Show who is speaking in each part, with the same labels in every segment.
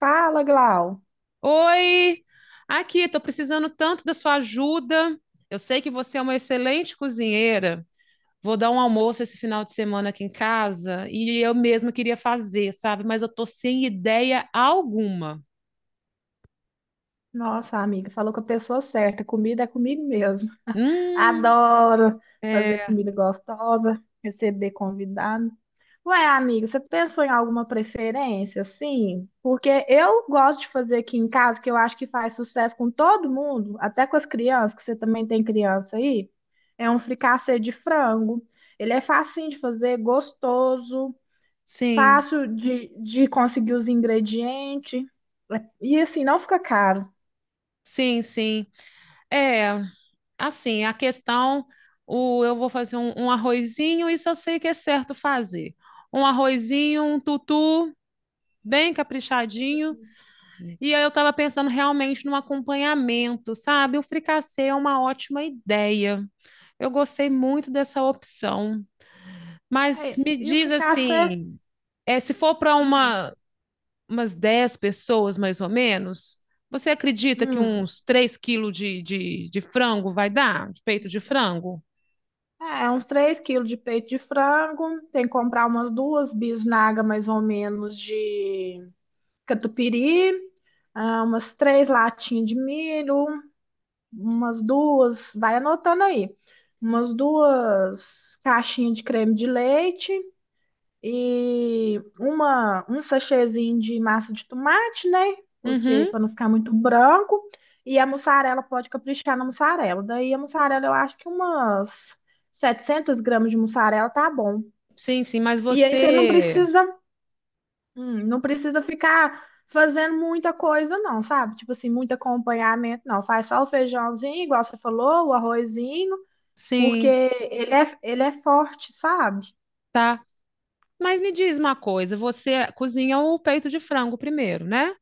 Speaker 1: Fala, Glau.
Speaker 2: Oi, aqui, estou precisando tanto da sua ajuda. Eu sei que você é uma excelente cozinheira. Vou dar um almoço esse final de semana aqui em casa e eu mesma queria fazer, sabe? Mas eu tô sem ideia alguma.
Speaker 1: Nossa, amiga, falou com a pessoa certa. Comida é comigo mesmo.
Speaker 2: Hum,
Speaker 1: Adoro fazer
Speaker 2: é,
Speaker 1: comida gostosa, receber convidado. Ué, amiga, você pensou em alguma preferência, assim? Porque eu gosto de fazer aqui em casa, que eu acho que faz sucesso com todo mundo, até com as crianças, que você também tem criança aí. É um fricassê de frango. Ele é facinho de fazer, gostoso.
Speaker 2: sim,
Speaker 1: Fácil de conseguir os ingredientes. E assim, não fica caro.
Speaker 2: sim, sim. É, assim, a questão, eu vou fazer um arrozinho, isso eu sei que é certo fazer. Um arrozinho, um tutu, bem caprichadinho. E aí eu estava pensando realmente num acompanhamento, sabe? O fricassê é uma ótima ideia. Eu gostei muito dessa opção.
Speaker 1: Aí,
Speaker 2: Mas me
Speaker 1: e o
Speaker 2: diz
Speaker 1: fricassê,
Speaker 2: assim, é, se for para
Speaker 1: hum,
Speaker 2: uma, umas 10 pessoas, mais ou menos, você acredita que
Speaker 1: hum,
Speaker 2: uns 3 quilos de frango vai dar? De peito de frango?
Speaker 1: é uns 3 quilos de peito de frango. Tem que comprar umas 2 bisnagas, mais ou menos, de catupiry. Umas 3 latinhas de milho. Umas duas, vai anotando aí. Umas 2 caixinhas de creme de leite. E um sachêzinho de massa de tomate, né? Porque
Speaker 2: Uhum.
Speaker 1: para não ficar muito branco. E a mussarela, pode caprichar na mussarela. Daí a mussarela, eu acho que umas 700 gramas de mussarela tá bom.
Speaker 2: Sim, sim, mas
Speaker 1: E aí você não
Speaker 2: você.
Speaker 1: precisa, não precisa ficar fazendo muita coisa, não, sabe? Tipo assim, muito acompanhamento, não. Faz só o feijãozinho, igual você falou, o arrozinho, porque
Speaker 2: Sim,
Speaker 1: ele é forte, sabe?
Speaker 2: tá. Mas me diz uma coisa, você cozinha o peito de frango primeiro, né?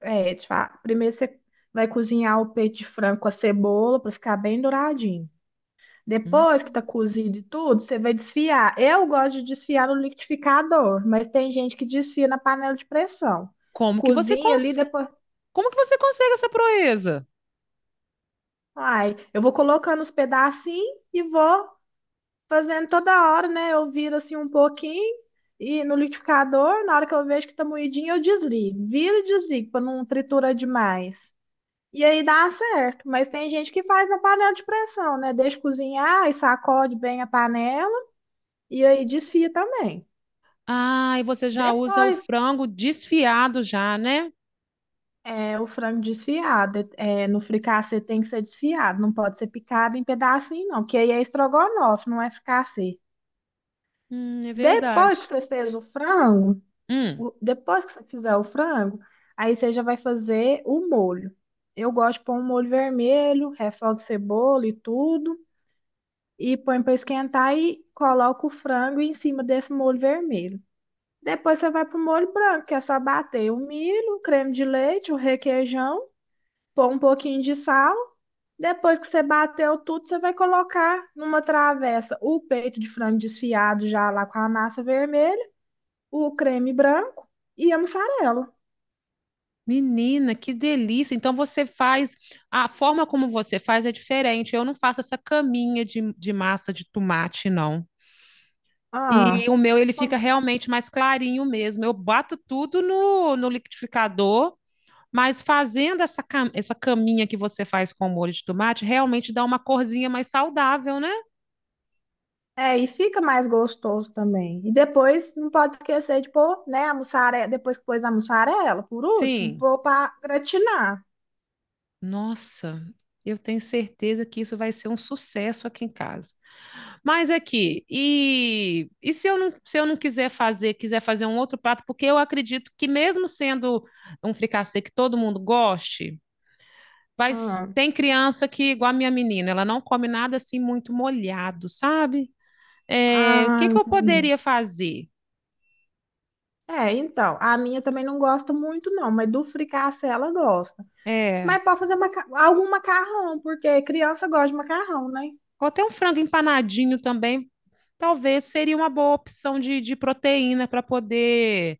Speaker 1: É, tipo, primeiro você vai cozinhar o peito de frango com a cebola para ficar bem douradinho.
Speaker 2: Hum.
Speaker 1: Depois que tá cozido e tudo, você vai desfiar. Eu gosto de desfiar no liquidificador, mas tem gente que desfia na panela de pressão.
Speaker 2: Como que você
Speaker 1: Cozinha ali,
Speaker 2: cons-
Speaker 1: depois.
Speaker 2: Como que você consegue essa proeza?
Speaker 1: Ai, eu vou colocando os pedacinhos e vou fazendo toda hora, né? Eu viro assim um pouquinho e no liquidificador, na hora que eu vejo que tá moidinho, eu desligo. Viro e desligo para não triturar demais. E aí dá certo, mas tem gente que faz na panela de pressão, né? Deixa cozinhar e sacode bem a panela e aí desfia também.
Speaker 2: Ah, e você já usa o
Speaker 1: Depois,
Speaker 2: frango desfiado já, né?
Speaker 1: é, o frango desfiado, é, no fricassê tem que ser desfiado, não pode ser picado em pedacinho não, porque aí é estrogonofe, não é fricassê.
Speaker 2: É
Speaker 1: Depois
Speaker 2: verdade.
Speaker 1: que você fez o frango,
Speaker 2: Hum,
Speaker 1: Depois que você fizer o frango, aí você já vai fazer o molho. Eu gosto de pôr um molho vermelho, refogo de cebola e tudo. E põe para esquentar e coloca o frango em cima desse molho vermelho. Depois você vai pro molho branco, que é só bater o milho, o creme de leite, o requeijão, pôr um pouquinho de sal. Depois que você bateu tudo, você vai colocar numa travessa o peito de frango desfiado já lá com a massa vermelha, o creme branco e a mussarela.
Speaker 2: Menina, que delícia. Então você faz, a forma como você faz é diferente. Eu não faço essa caminha de massa de tomate, não.
Speaker 1: Ah,
Speaker 2: E o meu, ele fica
Speaker 1: como
Speaker 2: realmente mais clarinho mesmo. Eu bato tudo no liquidificador, mas fazendo essa caminha que você faz com o molho de tomate, realmente dá uma corzinha mais saudável, né?
Speaker 1: É, e fica mais gostoso também. E depois, não pode esquecer de pôr, né, a mussarela, depois que pôs na mussarela, por último,
Speaker 2: Sim.
Speaker 1: pôr para gratinar.
Speaker 2: Nossa, eu tenho certeza que isso vai ser um sucesso aqui em casa. Mas aqui, e se eu não quiser fazer, um outro prato, porque eu acredito que mesmo sendo um fricassê que todo mundo goste,
Speaker 1: Ah,
Speaker 2: tem criança que, igual a minha menina, ela não come nada assim muito molhado, sabe? É, o
Speaker 1: ah,
Speaker 2: que que eu
Speaker 1: entendi.
Speaker 2: poderia fazer?
Speaker 1: É, então, a minha também não gosta muito, não, mas do fricassê ela gosta.
Speaker 2: É,
Speaker 1: Mas pode fazer algum macarrão, porque criança gosta de macarrão, né?
Speaker 2: ou até um frango empanadinho também, talvez seria uma boa opção de proteína para poder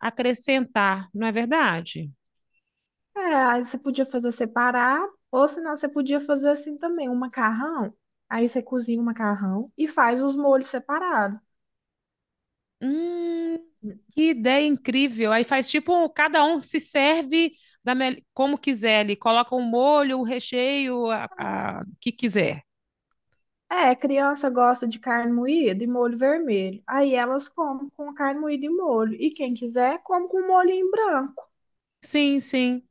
Speaker 2: acrescentar, não é verdade?
Speaker 1: É, aí você podia fazer separado, ou senão você podia fazer assim também, um macarrão. Aí você cozinha o macarrão e faz os molhos separados.
Speaker 2: Hum, que ideia incrível. Aí faz tipo, cada um se serve como quiser ali, coloca o molho, o recheio, o que quiser.
Speaker 1: É, criança gosta de carne moída e molho vermelho. Aí elas comem com carne moída e molho. E quem quiser, come com molhinho branco.
Speaker 2: Sim, sim,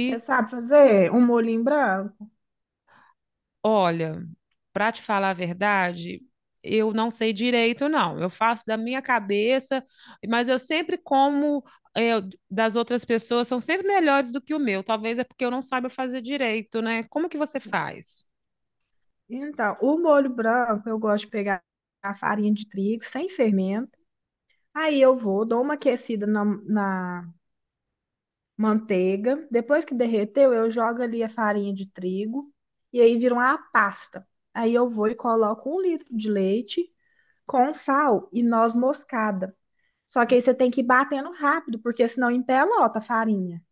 Speaker 1: Você sabe fazer um molhinho branco?
Speaker 2: Olha, para te falar a verdade, eu não sei direito, não. Eu faço da minha cabeça, mas eu sempre como é, das outras pessoas, são sempre melhores do que o meu. Talvez é porque eu não saiba fazer direito, né? Como que você faz?
Speaker 1: Então, o molho branco, eu gosto de pegar a farinha de trigo sem fermento. Aí eu vou, dou uma aquecida na manteiga. Depois que derreteu, eu jogo ali a farinha de trigo. E aí vira uma pasta. Aí eu vou e coloco 1 litro de leite com sal e noz moscada. Só que aí você tem que ir batendo rápido, porque senão empelota a farinha,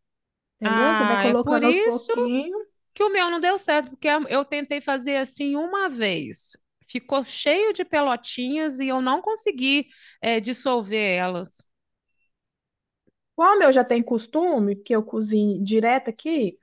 Speaker 1: entendeu? Você vai
Speaker 2: Ah, é por
Speaker 1: colocando aos
Speaker 2: isso
Speaker 1: pouquinhos.
Speaker 2: que o meu não deu certo, eu tentei fazer assim uma vez. Ficou cheio de pelotinhas e eu não consegui, dissolver elas.
Speaker 1: Como eu já tenho costume, que eu cozinho direto aqui,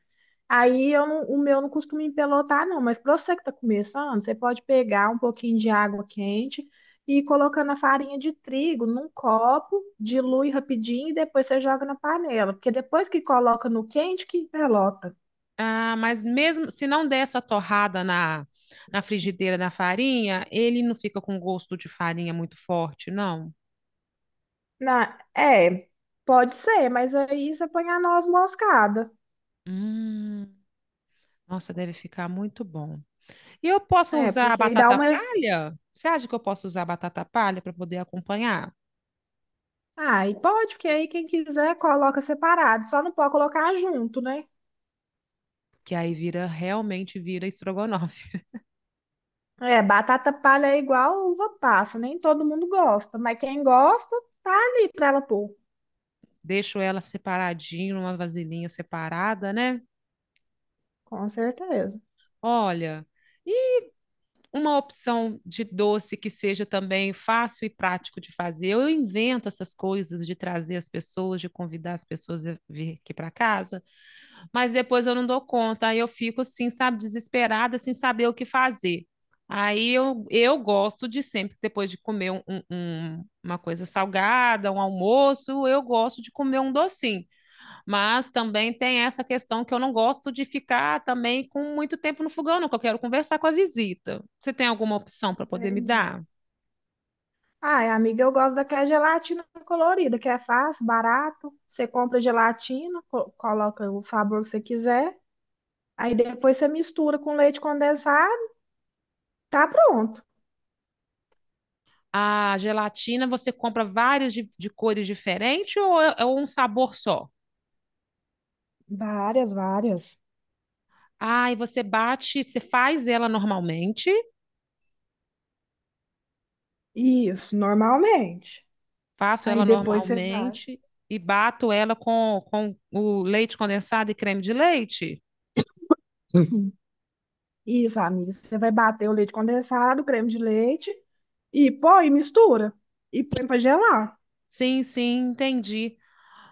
Speaker 1: aí eu não- o meu não costuma empelotar, não. Mas para você que está começando, você pode pegar um pouquinho de água quente e ir colocando a farinha de trigo num copo, dilui rapidinho e depois você joga na panela. Porque depois que coloca no quente, que empelota.
Speaker 2: Ah, mas mesmo se não der essa torrada na frigideira da farinha, ele não fica com gosto de farinha muito forte, não?
Speaker 1: É, pode ser, mas aí você põe a noz moscada.
Speaker 2: Hum, Nossa, deve ficar muito bom. E eu posso
Speaker 1: É,
Speaker 2: usar a
Speaker 1: porque aí dá
Speaker 2: batata
Speaker 1: uma.
Speaker 2: palha? Você acha que eu posso usar a batata palha para poder acompanhar?
Speaker 1: Ah, e pode, porque aí quem quiser coloca separado, só não pode colocar junto, né?
Speaker 2: Que aí vira, realmente vira estrogonofe.
Speaker 1: É, batata palha é igual uva passa, nem todo mundo gosta, mas quem gosta, tá ali pra ela pôr,
Speaker 2: Deixo ela separadinho, numa vasilhinha separada, né?
Speaker 1: com certeza.
Speaker 2: Olha, uma opção de doce que seja também fácil e prático de fazer. Eu invento essas coisas de trazer as pessoas, de convidar as pessoas a vir aqui para casa, mas depois eu não dou conta. Aí eu fico assim, sabe, desesperada, sem saber o que fazer. Aí eu gosto de sempre, depois de comer uma coisa salgada, um almoço, eu gosto de comer um docinho. Mas também tem essa questão que eu não gosto de ficar também com muito tempo no fogão, não, que eu quero conversar com a visita. Você tem alguma opção para poder me
Speaker 1: Entendi.
Speaker 2: dar?
Speaker 1: Ai, amiga, eu gosto daquela gelatina colorida, que é fácil, barato. Você compra gelatina, coloca o sabor que você quiser, aí depois você mistura com leite condensado, tá pronto.
Speaker 2: A gelatina você compra várias de cores diferentes ou é um sabor só?
Speaker 1: Várias, várias.
Speaker 2: Ah, você faz ela normalmente,
Speaker 1: Isso, normalmente.
Speaker 2: faço
Speaker 1: Aí
Speaker 2: ela
Speaker 1: depois você vai.
Speaker 2: normalmente e bato ela com o leite condensado e creme de leite?
Speaker 1: Uhum. Isso, amiga. Você vai bater o leite condensado, o creme de leite e põe, mistura. E põe pra gelar.
Speaker 2: Sim, sim, entendi.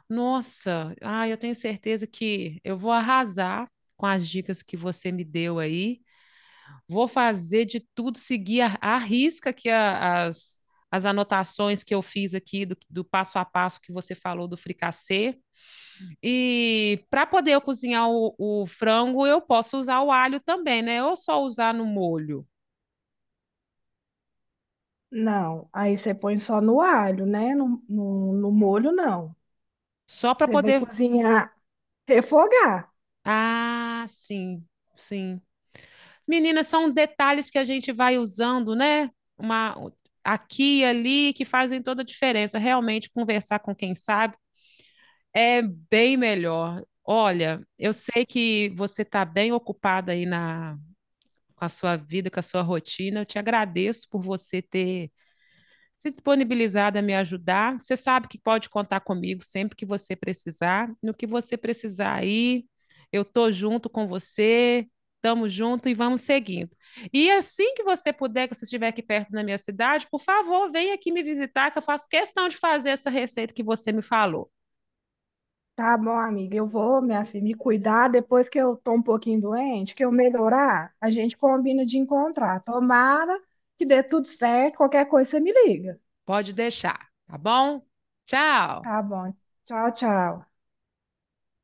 Speaker 2: Nossa, ah, eu tenho certeza que eu vou arrasar com as dicas que você me deu aí. Vou fazer de tudo, seguir a risca as anotações que eu fiz aqui do passo a passo que você falou do fricassê. E para poder eu cozinhar o frango, eu posso usar o alho também, né? Ou só usar no molho?
Speaker 1: Não, aí você põe só no alho, né? No molho, não.
Speaker 2: Só para
Speaker 1: Você vai
Speaker 2: poder.
Speaker 1: cozinhar, refogar.
Speaker 2: Ah, sim, sim. Meninas são detalhes que a gente vai usando, né? Uma aqui e ali que fazem toda a diferença. Realmente, conversar com quem sabe é bem melhor. Olha, eu sei que você está bem ocupada com a sua vida, com a sua rotina. Eu te agradeço por você ter se disponibilizada a me ajudar. Você sabe que pode contar comigo sempre que você precisar. No que você precisar aí, eu tô junto com você. Estamos juntos e vamos seguindo. E assim que você puder, que você estiver aqui perto da minha cidade, por favor, venha aqui me visitar, que eu faço questão de fazer essa receita que você me falou.
Speaker 1: Tá bom, amiga, eu vou, minha filha, me cuidar depois que eu tô um pouquinho doente, que eu melhorar, a gente combina de encontrar. Tomara que dê tudo certo, qualquer coisa você me liga.
Speaker 2: Pode deixar, tá bom? Tchau!
Speaker 1: Tá bom. Tchau, tchau.